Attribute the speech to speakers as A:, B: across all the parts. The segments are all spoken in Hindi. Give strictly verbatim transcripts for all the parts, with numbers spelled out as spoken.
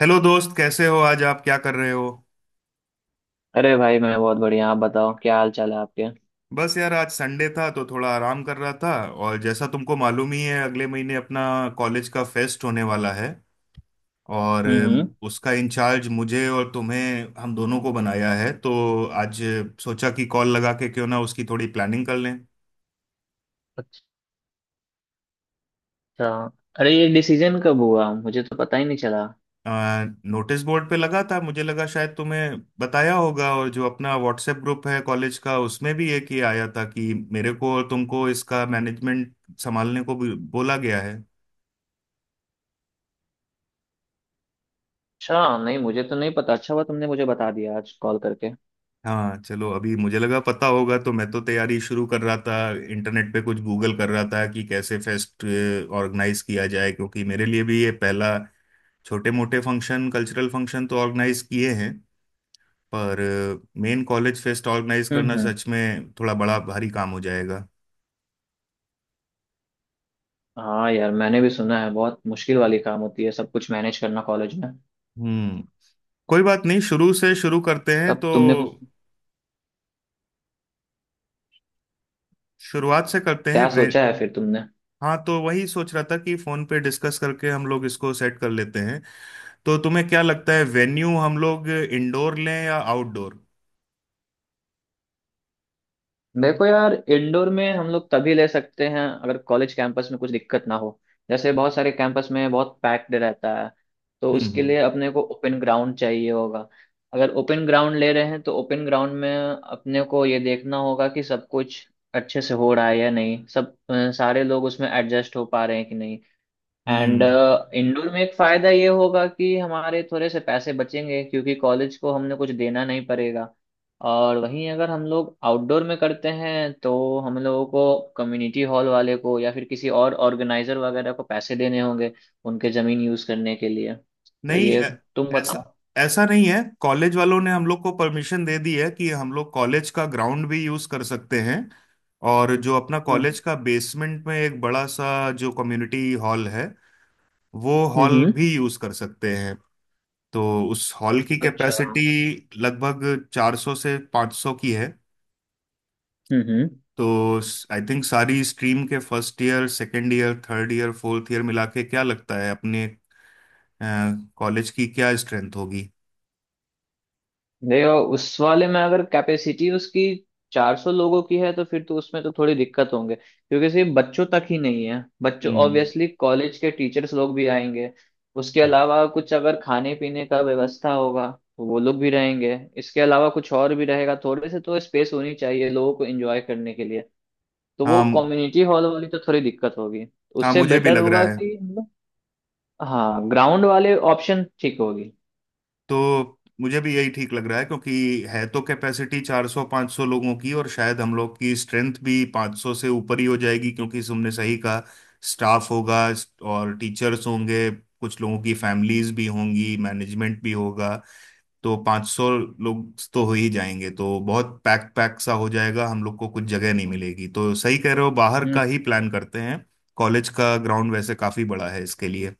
A: हेलो दोस्त, कैसे हो? आज आप क्या कर रहे हो?
B: अरे भाई, मैं बहुत बढ़िया। आप बताओ, क्या हाल चाल है आपके?
A: बस यार, आज संडे था तो थोड़ा आराम कर रहा था। और जैसा तुमको मालूम ही है, अगले महीने अपना कॉलेज का फेस्ट होने वाला है। और
B: हम्म।
A: अम, उसका इंचार्ज मुझे और तुम्हें, हम दोनों को बनाया है, तो आज सोचा कि कॉल लगा के क्यों ना उसकी थोड़ी प्लानिंग कर लें।
B: अच्छा। अरे ये डिसीजन कब हुआ? मुझे तो पता ही नहीं चला।
A: अ, नोटिस बोर्ड पे लगा था, मुझे लगा शायद तुम्हें बताया होगा। और जो अपना व्हाट्सएप ग्रुप है कॉलेज का, उसमें भी एक ही आया था कि मेरे को और तुमको इसका मैनेजमेंट संभालने को भी बोला गया है।
B: अच्छा, नहीं मुझे तो नहीं पता। अच्छा हुआ तुमने मुझे बता दिया आज कॉल करके।
A: हाँ, चलो, अभी मुझे लगा पता होगा तो मैं तो तैयारी शुरू कर रहा था। इंटरनेट पे कुछ गूगल कर रहा था कि कैसे फेस्ट ऑर्गेनाइज किया जाए, क्योंकि मेरे लिए भी ये पहला। छोटे मोटे फंक्शन, कल्चरल फंक्शन तो ऑर्गेनाइज किए हैं, पर मेन कॉलेज फेस्ट ऑर्गेनाइज
B: हम्म
A: करना
B: हम्म।
A: सच में थोड़ा बड़ा भारी काम हो जाएगा।
B: हाँ यार, मैंने भी सुना है बहुत मुश्किल वाली काम होती है सब कुछ मैनेज करना कॉलेज में।
A: हम्म। कोई बात नहीं, शुरू से शुरू करते हैं
B: तब
A: तो।
B: तुमने कुछ
A: शुरुआत से करते हैं
B: क्या
A: वे।
B: सोचा है फिर तुमने?
A: हाँ, तो वही सोच रहा था कि फोन पे डिस्कस करके हम लोग इसको सेट कर लेते हैं। तो तुम्हें क्या लगता है, वेन्यू हम लोग इंडोर लें या आउटडोर?
B: देखो यार, इंडोर में हम लोग तभी ले सकते हैं अगर कॉलेज कैंपस में कुछ दिक्कत ना हो। जैसे बहुत सारे कैंपस में बहुत पैक्ड रहता है, तो
A: हम्म।
B: उसके
A: हम्म।
B: लिए अपने को ओपन ग्राउंड चाहिए होगा। अगर ओपन ग्राउंड ले रहे हैं तो ओपन ग्राउंड में अपने को ये देखना होगा कि सब कुछ अच्छे से हो रहा है या नहीं, सब अ, सारे लोग उसमें एडजस्ट हो पा रहे हैं कि नहीं। एंड
A: हम्म।
B: uh, इंडोर में एक फायदा ये होगा कि हमारे थोड़े से पैसे बचेंगे क्योंकि कॉलेज को हमने कुछ देना नहीं पड़ेगा। और वहीं अगर हम लोग आउटडोर में करते हैं तो हम लोगों को कम्युनिटी हॉल वाले को या फिर किसी और ऑर्गेनाइजर वगैरह को पैसे देने होंगे उनके जमीन यूज करने के लिए। तो
A: नहीं,
B: ये,
A: ऐ-
B: तुम
A: ऐसा
B: बताओ।
A: ऐसा नहीं है, कॉलेज वालों ने हम लोग को परमिशन दे दी है कि हम लोग कॉलेज का ग्राउंड भी यूज कर सकते हैं। और जो अपना कॉलेज
B: हम्म
A: का बेसमेंट में एक बड़ा सा जो कम्युनिटी हॉल है, वो
B: हम्म
A: हॉल
B: हम्म,
A: भी यूज कर सकते हैं। तो उस हॉल की
B: अच्छा। हम्म
A: कैपेसिटी लगभग चार सौ से पाँच सौ की है।
B: हम्म।
A: तो आई थिंक, सारी स्ट्रीम के first year, second year, third year, fourth year मिला के क्या लगता है अपने कॉलेज की क्या स्ट्रेंथ होगी?
B: देखो, उस वाले में अगर कैपेसिटी उसकी चार सौ लोगों की है तो फिर तो उसमें तो थोड़ी दिक्कत होंगे क्योंकि सिर्फ बच्चों तक ही नहीं है, बच्चों
A: हम्म।
B: ऑब्वियसली कॉलेज के टीचर्स लोग भी आएंगे। उसके अलावा कुछ अगर खाने पीने का व्यवस्था होगा तो वो लोग भी रहेंगे, इसके अलावा कुछ और भी रहेगा, थोड़े से तो स्पेस होनी चाहिए लोगों को एंजॉय करने के लिए। तो वो
A: हाँ।
B: कम्युनिटी हॉल वाली तो थोड़ी दिक्कत होगी।
A: हाँ,
B: उससे
A: मुझे भी
B: बेटर
A: लग रहा
B: होगा
A: है।
B: कि मतलब, हाँ ग्राउंड वाले ऑप्शन ठीक होगी।
A: तो मुझे भी यही ठीक लग रहा है, क्योंकि है तो कैपेसिटी चार सौ पाँच सौ लोगों की, और शायद हम लोग की स्ट्रेंथ भी पाँच सौ से ऊपर ही हो जाएगी। क्योंकि तुमने सही कहा, स्टाफ होगा और टीचर्स होंगे, कुछ लोगों की फैमिलीज भी होंगी, मैनेजमेंट भी होगा। तो पाँच सौ लोग तो हो ही जाएंगे, तो बहुत पैक पैक सा हो जाएगा, हम लोग को कुछ जगह नहीं मिलेगी। तो सही कह रहे हो, बाहर का ही प्लान करते हैं। कॉलेज का ग्राउंड वैसे काफी बड़ा है इसके लिए।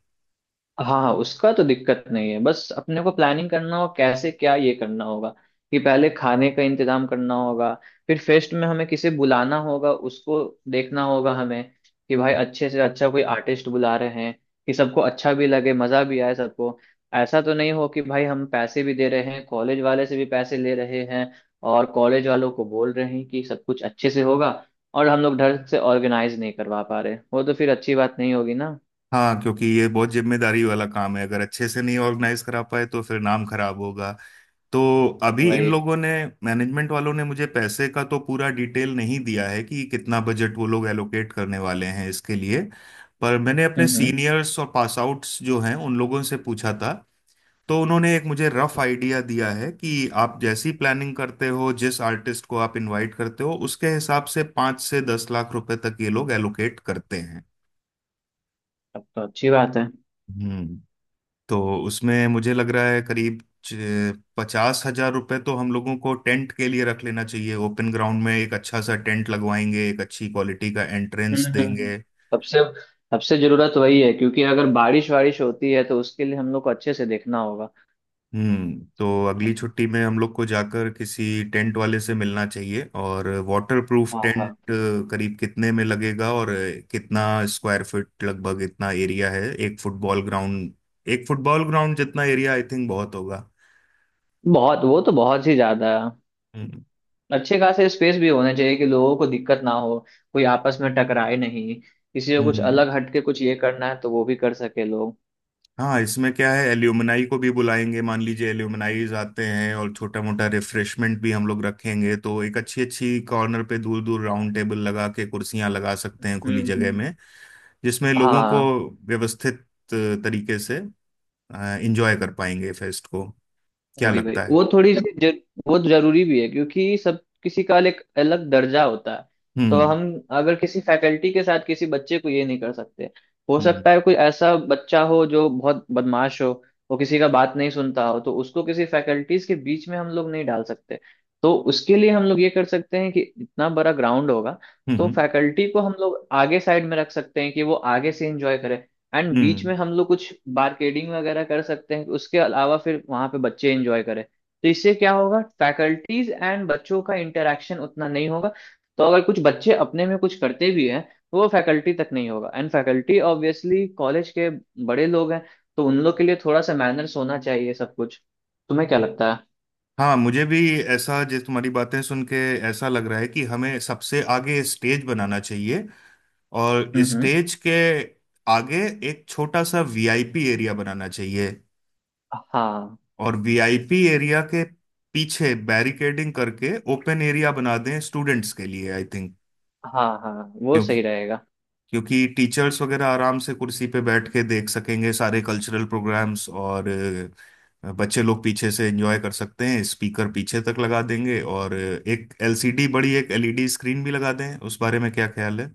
B: हाँ हाँ, उसका तो दिक्कत नहीं है, बस अपने को प्लानिंग करना हो कैसे क्या ये करना होगा कि पहले खाने का इंतजाम करना होगा, फिर फेस्ट में हमें किसे बुलाना होगा, उसको देखना होगा हमें कि भाई अच्छे से अच्छा कोई आर्टिस्ट बुला रहे हैं कि सबको अच्छा भी लगे मजा भी आए सबको। ऐसा तो नहीं हो कि भाई हम पैसे भी दे रहे हैं, कॉलेज वाले से भी पैसे ले रहे हैं और कॉलेज वालों को बोल रहे हैं कि सब कुछ अच्छे से होगा और हम लोग ढंग से ऑर्गेनाइज नहीं करवा पा रहे, वो तो फिर अच्छी बात नहीं होगी ना।
A: हाँ, क्योंकि ये बहुत जिम्मेदारी वाला काम है, अगर अच्छे से नहीं ऑर्गेनाइज करा पाए तो फिर नाम खराब होगा। तो अभी इन
B: वही।
A: लोगों ने, मैनेजमेंट वालों ने मुझे पैसे का तो पूरा डिटेल नहीं दिया है कि कितना बजट वो लोग एलोकेट करने वाले हैं इसके लिए। पर मैंने अपने
B: हम्म हम्म।
A: सीनियर्स और पास आउट्स जो हैं, उन लोगों से पूछा था। तो उन्होंने एक मुझे रफ आइडिया दिया है कि आप जैसी प्लानिंग करते हो, जिस आर्टिस्ट को आप इनवाइट करते हो, उसके हिसाब से पाँच से दस लाख रुपए तक ये लोग एलोकेट करते हैं।
B: तब तो अच्छी बात है।
A: हम्म। तो उसमें मुझे लग रहा है करीब पचास हजार रुपए तो हम लोगों को टेंट के लिए रख लेना चाहिए। ओपन ग्राउंड में एक अच्छा सा टेंट लगवाएंगे, एक अच्छी क्वालिटी का
B: हम्म
A: एंट्रेंस
B: हम्म।
A: देंगे।
B: सबसे सबसे जरूरत वही है क्योंकि अगर बारिश वारिश होती है तो उसके लिए हम लोग को अच्छे से देखना होगा।
A: हम्म। तो अगली छुट्टी में हम लोग को जाकर किसी टेंट वाले से मिलना चाहिए और वाटर प्रूफ
B: हाँ
A: टेंट
B: हाँ।
A: करीब कितने में लगेगा, और कितना स्क्वायर फीट लगभग, इतना एरिया है एक फुटबॉल ग्राउंड एक फुटबॉल ग्राउंड जितना एरिया आई थिंक बहुत होगा।
B: बहुत, वो तो बहुत ही ज्यादा है।
A: हम्म।
B: अच्छे खासे स्पेस भी होने चाहिए कि लोगों को दिक्कत ना हो, कोई आपस में टकराए नहीं, किसी को कुछ
A: हम्म।
B: अलग हटके कुछ ये करना है तो वो भी कर सके लोग।
A: हाँ, इसमें क्या है, एल्यूमनाई को भी बुलाएंगे, मान लीजिए एल्यूमनाइज आते हैं, और छोटा मोटा रिफ्रेशमेंट भी हम लोग रखेंगे, तो एक अच्छी अच्छी कॉर्नर पे दूर दूर राउंड टेबल लगा के कुर्सियां लगा सकते हैं खुली
B: हम्म
A: जगह
B: हम्म।
A: में, जिसमें लोगों को
B: हाँ,
A: व्यवस्थित अ, तरीके से एंजॉय कर पाएंगे फेस्ट को। क्या
B: वही वही,
A: लगता है?
B: वो थोड़ी सी जर, वो जरूरी भी है क्योंकि सब किसी का एक अलग दर्जा होता है। तो
A: हम्म।
B: हम, अगर किसी फैकल्टी के साथ किसी बच्चे को ये नहीं कर सकते, हो
A: हम्म।
B: सकता है कोई ऐसा बच्चा हो जो बहुत बदमाश हो, वो किसी का बात नहीं सुनता हो, तो उसको किसी फैकल्टीज के बीच में हम लोग नहीं डाल सकते। तो उसके लिए हम लोग ये कर सकते हैं कि इतना बड़ा ग्राउंड होगा,
A: हम्म।
B: तो
A: हम्म।
B: फैकल्टी को हम लोग आगे साइड में रख सकते हैं कि वो आगे से इंजॉय करे। एंड बीच
A: हम्म।
B: में हम लोग कुछ बारकेडिंग वगैरह कर सकते हैं, उसके अलावा फिर वहां पे बच्चे एंजॉय करें, तो इससे क्या होगा फैकल्टीज एंड बच्चों का इंटरेक्शन उतना नहीं होगा। तो अगर कुछ बच्चे अपने में कुछ करते भी हैं तो वो फैकल्टी तक नहीं होगा, एंड फैकल्टी ऑब्वियसली कॉलेज के बड़े लोग हैं, तो उन लोग के लिए थोड़ा सा मैनर्स होना चाहिए सब कुछ। तुम्हें क्या लगता है?
A: हाँ, मुझे भी ऐसा, जैसे तुम्हारी बातें सुन के ऐसा लग रहा है कि हमें सबसे आगे स्टेज बनाना चाहिए, और
B: हम्म हम्म।
A: स्टेज के आगे एक छोटा सा वीआईपी एरिया बनाना चाहिए,
B: हाँ
A: और वीआईपी एरिया के पीछे बैरिकेडिंग करके ओपन एरिया बना दें स्टूडेंट्स के लिए, आई थिंक।
B: हाँ। हाँ, वो सही रहेगा।
A: क्योंकि टीचर्स वगैरह आराम से कुर्सी पे बैठ के देख सकेंगे सारे कल्चरल प्रोग्राम्स, और अ, बच्चे लोग पीछे से एंजॉय कर सकते हैं, स्पीकर पीछे तक लगा देंगे। और अ, एक एलसीडी बड़ी एक एलईडी स्क्रीन भी लगा दें, उस बारे में क्या ख्याल है?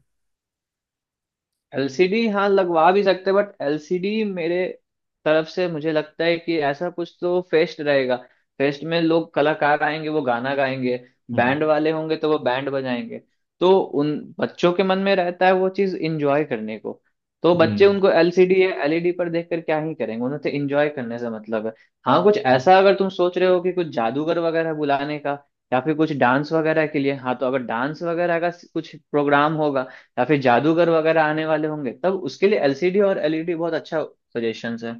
B: एलसीडी हाँ लगवा भी सकते हैं, बट एलसीडी मेरे तरफ से मुझे लगता है कि ऐसा कुछ तो फेस्ट रहेगा। फेस्ट में लोग कलाकार आएंगे, वो गाना गाएंगे,
A: हम्म।
B: बैंड वाले होंगे तो वो बैंड बजाएंगे, तो उन बच्चों के मन में रहता है वो चीज इंजॉय करने को, तो बच्चे
A: हम्म।
B: उनको एलसीडी या एलईडी पर देखकर क्या ही करेंगे, उन्हें तो इंजॉय करने से मतलब है। हाँ, कुछ ऐसा अगर तुम सोच रहे हो कि कुछ जादूगर वगैरह बुलाने का या फिर कुछ डांस वगैरह के लिए, हाँ तो अगर डांस वगैरह का कुछ प्रोग्राम होगा या फिर जादूगर वगैरह आने वाले होंगे, तब उसके लिए एलसीडी और एलईडी बहुत अच्छा सजेशंस है।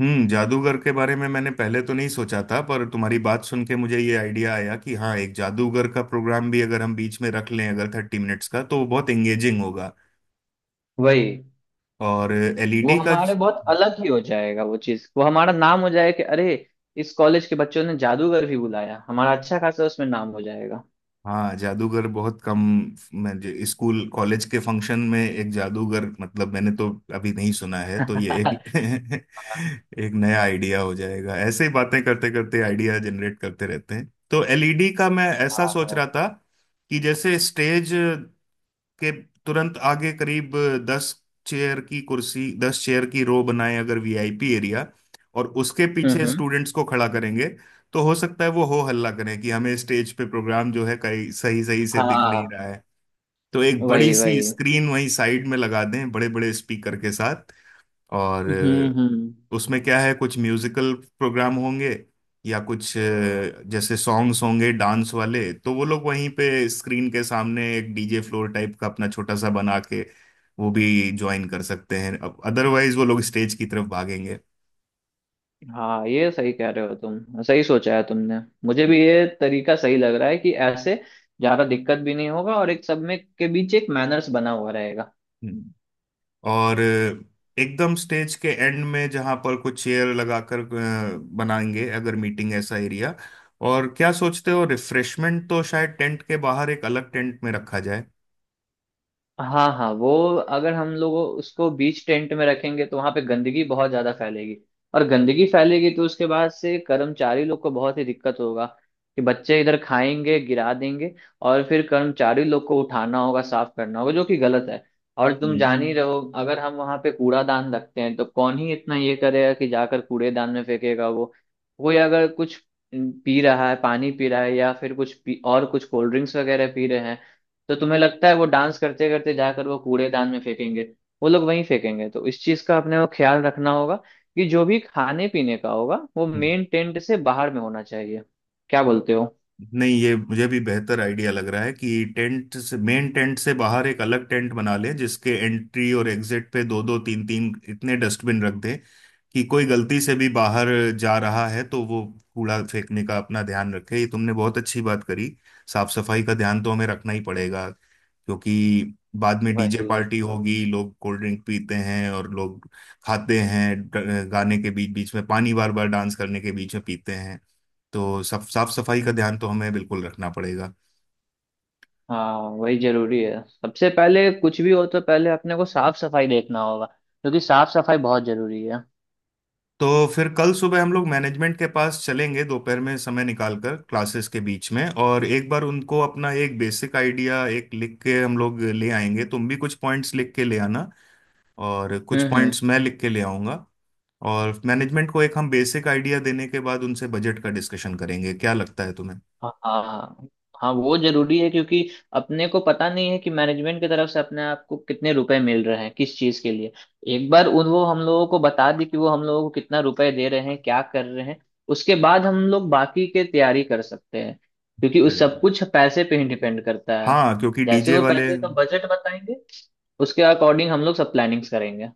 A: हम्म, जादूगर के बारे में मैंने पहले तो नहीं सोचा था, पर तुम्हारी बात सुन के मुझे ये आइडिया आया कि हाँ, एक जादूगर का प्रोग्राम भी अगर हम बीच में रख लें, अगर थर्टी मिनट्स का, तो वो बहुत एंगेजिंग होगा।
B: वही,
A: और
B: वो
A: एलईडी का,
B: हमारे बहुत अलग ही हो जाएगा वो चीज, वो हमारा नाम हो जाएगा कि अरे इस कॉलेज के बच्चों ने जादूगर भी बुलाया, हमारा अच्छा खासा उसमें नाम हो जाएगा।
A: हाँ जादूगर बहुत कम, मैं जो स्कूल कॉलेज के फंक्शन में, एक जादूगर मतलब मैंने तो अभी नहीं सुना है, तो ये
B: हाँ
A: एक एक नया आइडिया हो जाएगा। ऐसे ही बातें करते करते आइडिया जनरेट करते रहते हैं। तो एलईडी का मैं ऐसा
B: हाँ
A: सोच
B: हाँ।
A: रहा था कि जैसे स्टेज के तुरंत आगे, करीब दस चेयर की कुर्सी दस चेयर की रो बनाए अगर वीआईपी एरिया, और उसके
B: हम्म
A: पीछे
B: हम्म,
A: स्टूडेंट्स को खड़ा करेंगे तो हो सकता है वो हो हल्ला करें कि हमें स्टेज पे प्रोग्राम जो है कहीं सही सही से दिख
B: हाँ
A: नहीं रहा है। तो एक बड़ी
B: वही
A: सी
B: वही।
A: स्क्रीन वहीं साइड में लगा दें, बड़े बड़े स्पीकर के साथ। और
B: हम्म हम्म।
A: अ, उसमें क्या है, कुछ म्यूजिकल प्रोग्राम होंगे या कुछ अ, जैसे सॉन्ग्स होंगे, डांस वाले, तो वो लोग वहीं पे स्क्रीन के सामने एक डीजे फ्लोर टाइप का अपना छोटा सा बना के वो भी ज्वाइन कर सकते हैं। अब अदरवाइज वो लोग स्टेज की तरफ भागेंगे।
B: हाँ, ये सही कह रहे हो, तुम सही सोचा है तुमने। मुझे भी ये तरीका सही लग रहा है कि ऐसे ज्यादा दिक्कत भी नहीं होगा और एक सब में के बीच एक मैनर्स बना हुआ रहेगा।
A: हम्म। और अ, एकदम स्टेज के एंड में जहां पर कुछ चेयर लगाकर अ, बनाएंगे, अगर मीटिंग, ऐसा एरिया। और क्या सोचते हो, रिफ्रेशमेंट तो शायद टेंट के बाहर एक अलग टेंट में रखा जाए।
B: हाँ हाँ, वो अगर हम लोग उसको बीच टेंट में रखेंगे तो वहां पे गंदगी बहुत ज्यादा फैलेगी, और गंदगी फैलेगी तो उसके बाद से कर्मचारी लोग को बहुत ही दिक्कत होगा कि बच्चे इधर खाएंगे गिरा देंगे, और फिर कर्मचारी लोग को उठाना होगा साफ करना होगा जो कि गलत है। और तुम जान ही हम्म रहो, अगर हम वहां पे कूड़ादान रखते हैं तो कौन ही इतना ये करेगा कि जाकर कूड़ेदान में फेंकेगा वो। कोई अगर कुछ पी रहा है, पानी पी रहा है या फिर कुछ पी, और कुछ कोल्ड ड्रिंक्स वगैरह पी रहे हैं, तो तुम्हें लगता है वो डांस करते करते जाकर वो कूड़ेदान में फेंकेंगे? वो लोग वहीं फेंकेंगे, तो इस चीज का अपने को ख्याल रखना होगा कि जो भी खाने पीने का होगा वो
A: हम्म।
B: मेन टेंट से बाहर में होना चाहिए। क्या बोलते हो?
A: नहीं, ये मुझे भी बेहतर आइडिया लग रहा है कि टेंट से, मेन टेंट से बाहर एक अलग टेंट बना लें, जिसके एंट्री और एग्जिट पे दो दो तीन तीन इतने डस्टबिन रख दें कि कोई गलती से भी बाहर जा रहा है तो वो कूड़ा फेंकने का अपना ध्यान रखे। ये तुमने बहुत अच्छी बात करी, साफ सफाई का ध्यान तो हमें रखना ही पड़ेगा। क्योंकि बाद में डीजे
B: वही।
A: पार्टी होगी, लोग कोल्ड ड्रिंक पीते हैं और लोग खाते हैं, ड- गाने के बीच बीच में पानी बार बार, डांस करने के बीच में पीते हैं। तो सब साफ सफाई का
B: हम्म,
A: ध्यान तो हमें बिल्कुल रखना पड़ेगा।
B: हाँ वही जरूरी है, सबसे पहले कुछ भी हो तो पहले अपने को साफ सफाई देखना होगा क्योंकि साफ सफाई बहुत जरूरी है।
A: तो फिर कल सुबह हम लोग मैनेजमेंट के पास चलेंगे, दोपहर में समय निकाल कर, क्लासेस के बीच में, और एक बार उनको अपना एक बेसिक आइडिया एक लिख के हम लोग ले आएंगे। तुम भी कुछ पॉइंट्स लिख के ले आना, और कुछ
B: हम्म।
A: पॉइंट्स मैं लिख के ले आऊंगा। और मैनेजमेंट को एक हम बेसिक आइडिया देने के बाद उनसे बजट का डिस्कशन करेंगे, क्या लगता है तुम्हें?
B: हाँ हाँ। हाँ, वो जरूरी है क्योंकि अपने को पता नहीं है कि मैनेजमेंट की तरफ से अपने आप को कितने रुपए मिल रहे हैं किस चीज के लिए। एक बार उन, वो हम लोगों को बता दी कि वो हम लोगों को कितना रुपए दे रहे हैं क्या कर रहे हैं, उसके बाद हम लोग बाकी के तैयारी कर सकते हैं क्योंकि उस सब कुछ पैसे पे ही डिपेंड करता है।
A: हाँ, क्योंकि
B: जैसे
A: डीजे
B: वो
A: वाले,
B: पैसे का बजट बताएंगे, उसके अकॉर्डिंग हम लोग सब प्लानिंग्स करेंगे।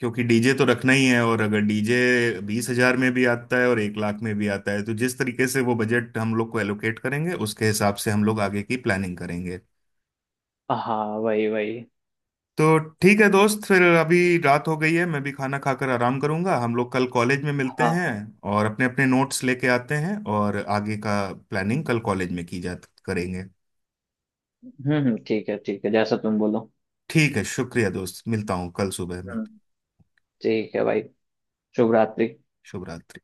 A: क्योंकि डीजे तो रखना ही है। और अगर डीजे बीस हजार में भी आता है और एक लाख में भी आता है, तो जिस तरीके से वो बजट हम लोग को एलोकेट करेंगे, उसके हिसाब से हम लोग आगे की प्लानिंग करेंगे।
B: हाँ वही वही।
A: तो ठीक है दोस्त, फिर अभी रात हो गई है, मैं भी खाना खाकर आराम करूंगा, हम लोग कल कॉलेज में मिलते
B: हाँ
A: हैं
B: हाँ।
A: और अपने अपने नोट्स लेके आते हैं, और आगे का प्लानिंग कल कॉलेज में की जा, करेंगे।
B: हम्म हम्म, ठीक है ठीक है जैसा तुम बोलो।
A: ठीक है, शुक्रिया दोस्त, मिलता हूँ कल सुबह में।
B: हम्म। ठीक है भाई। शुभ रात्रि।
A: शुभ रात्रि।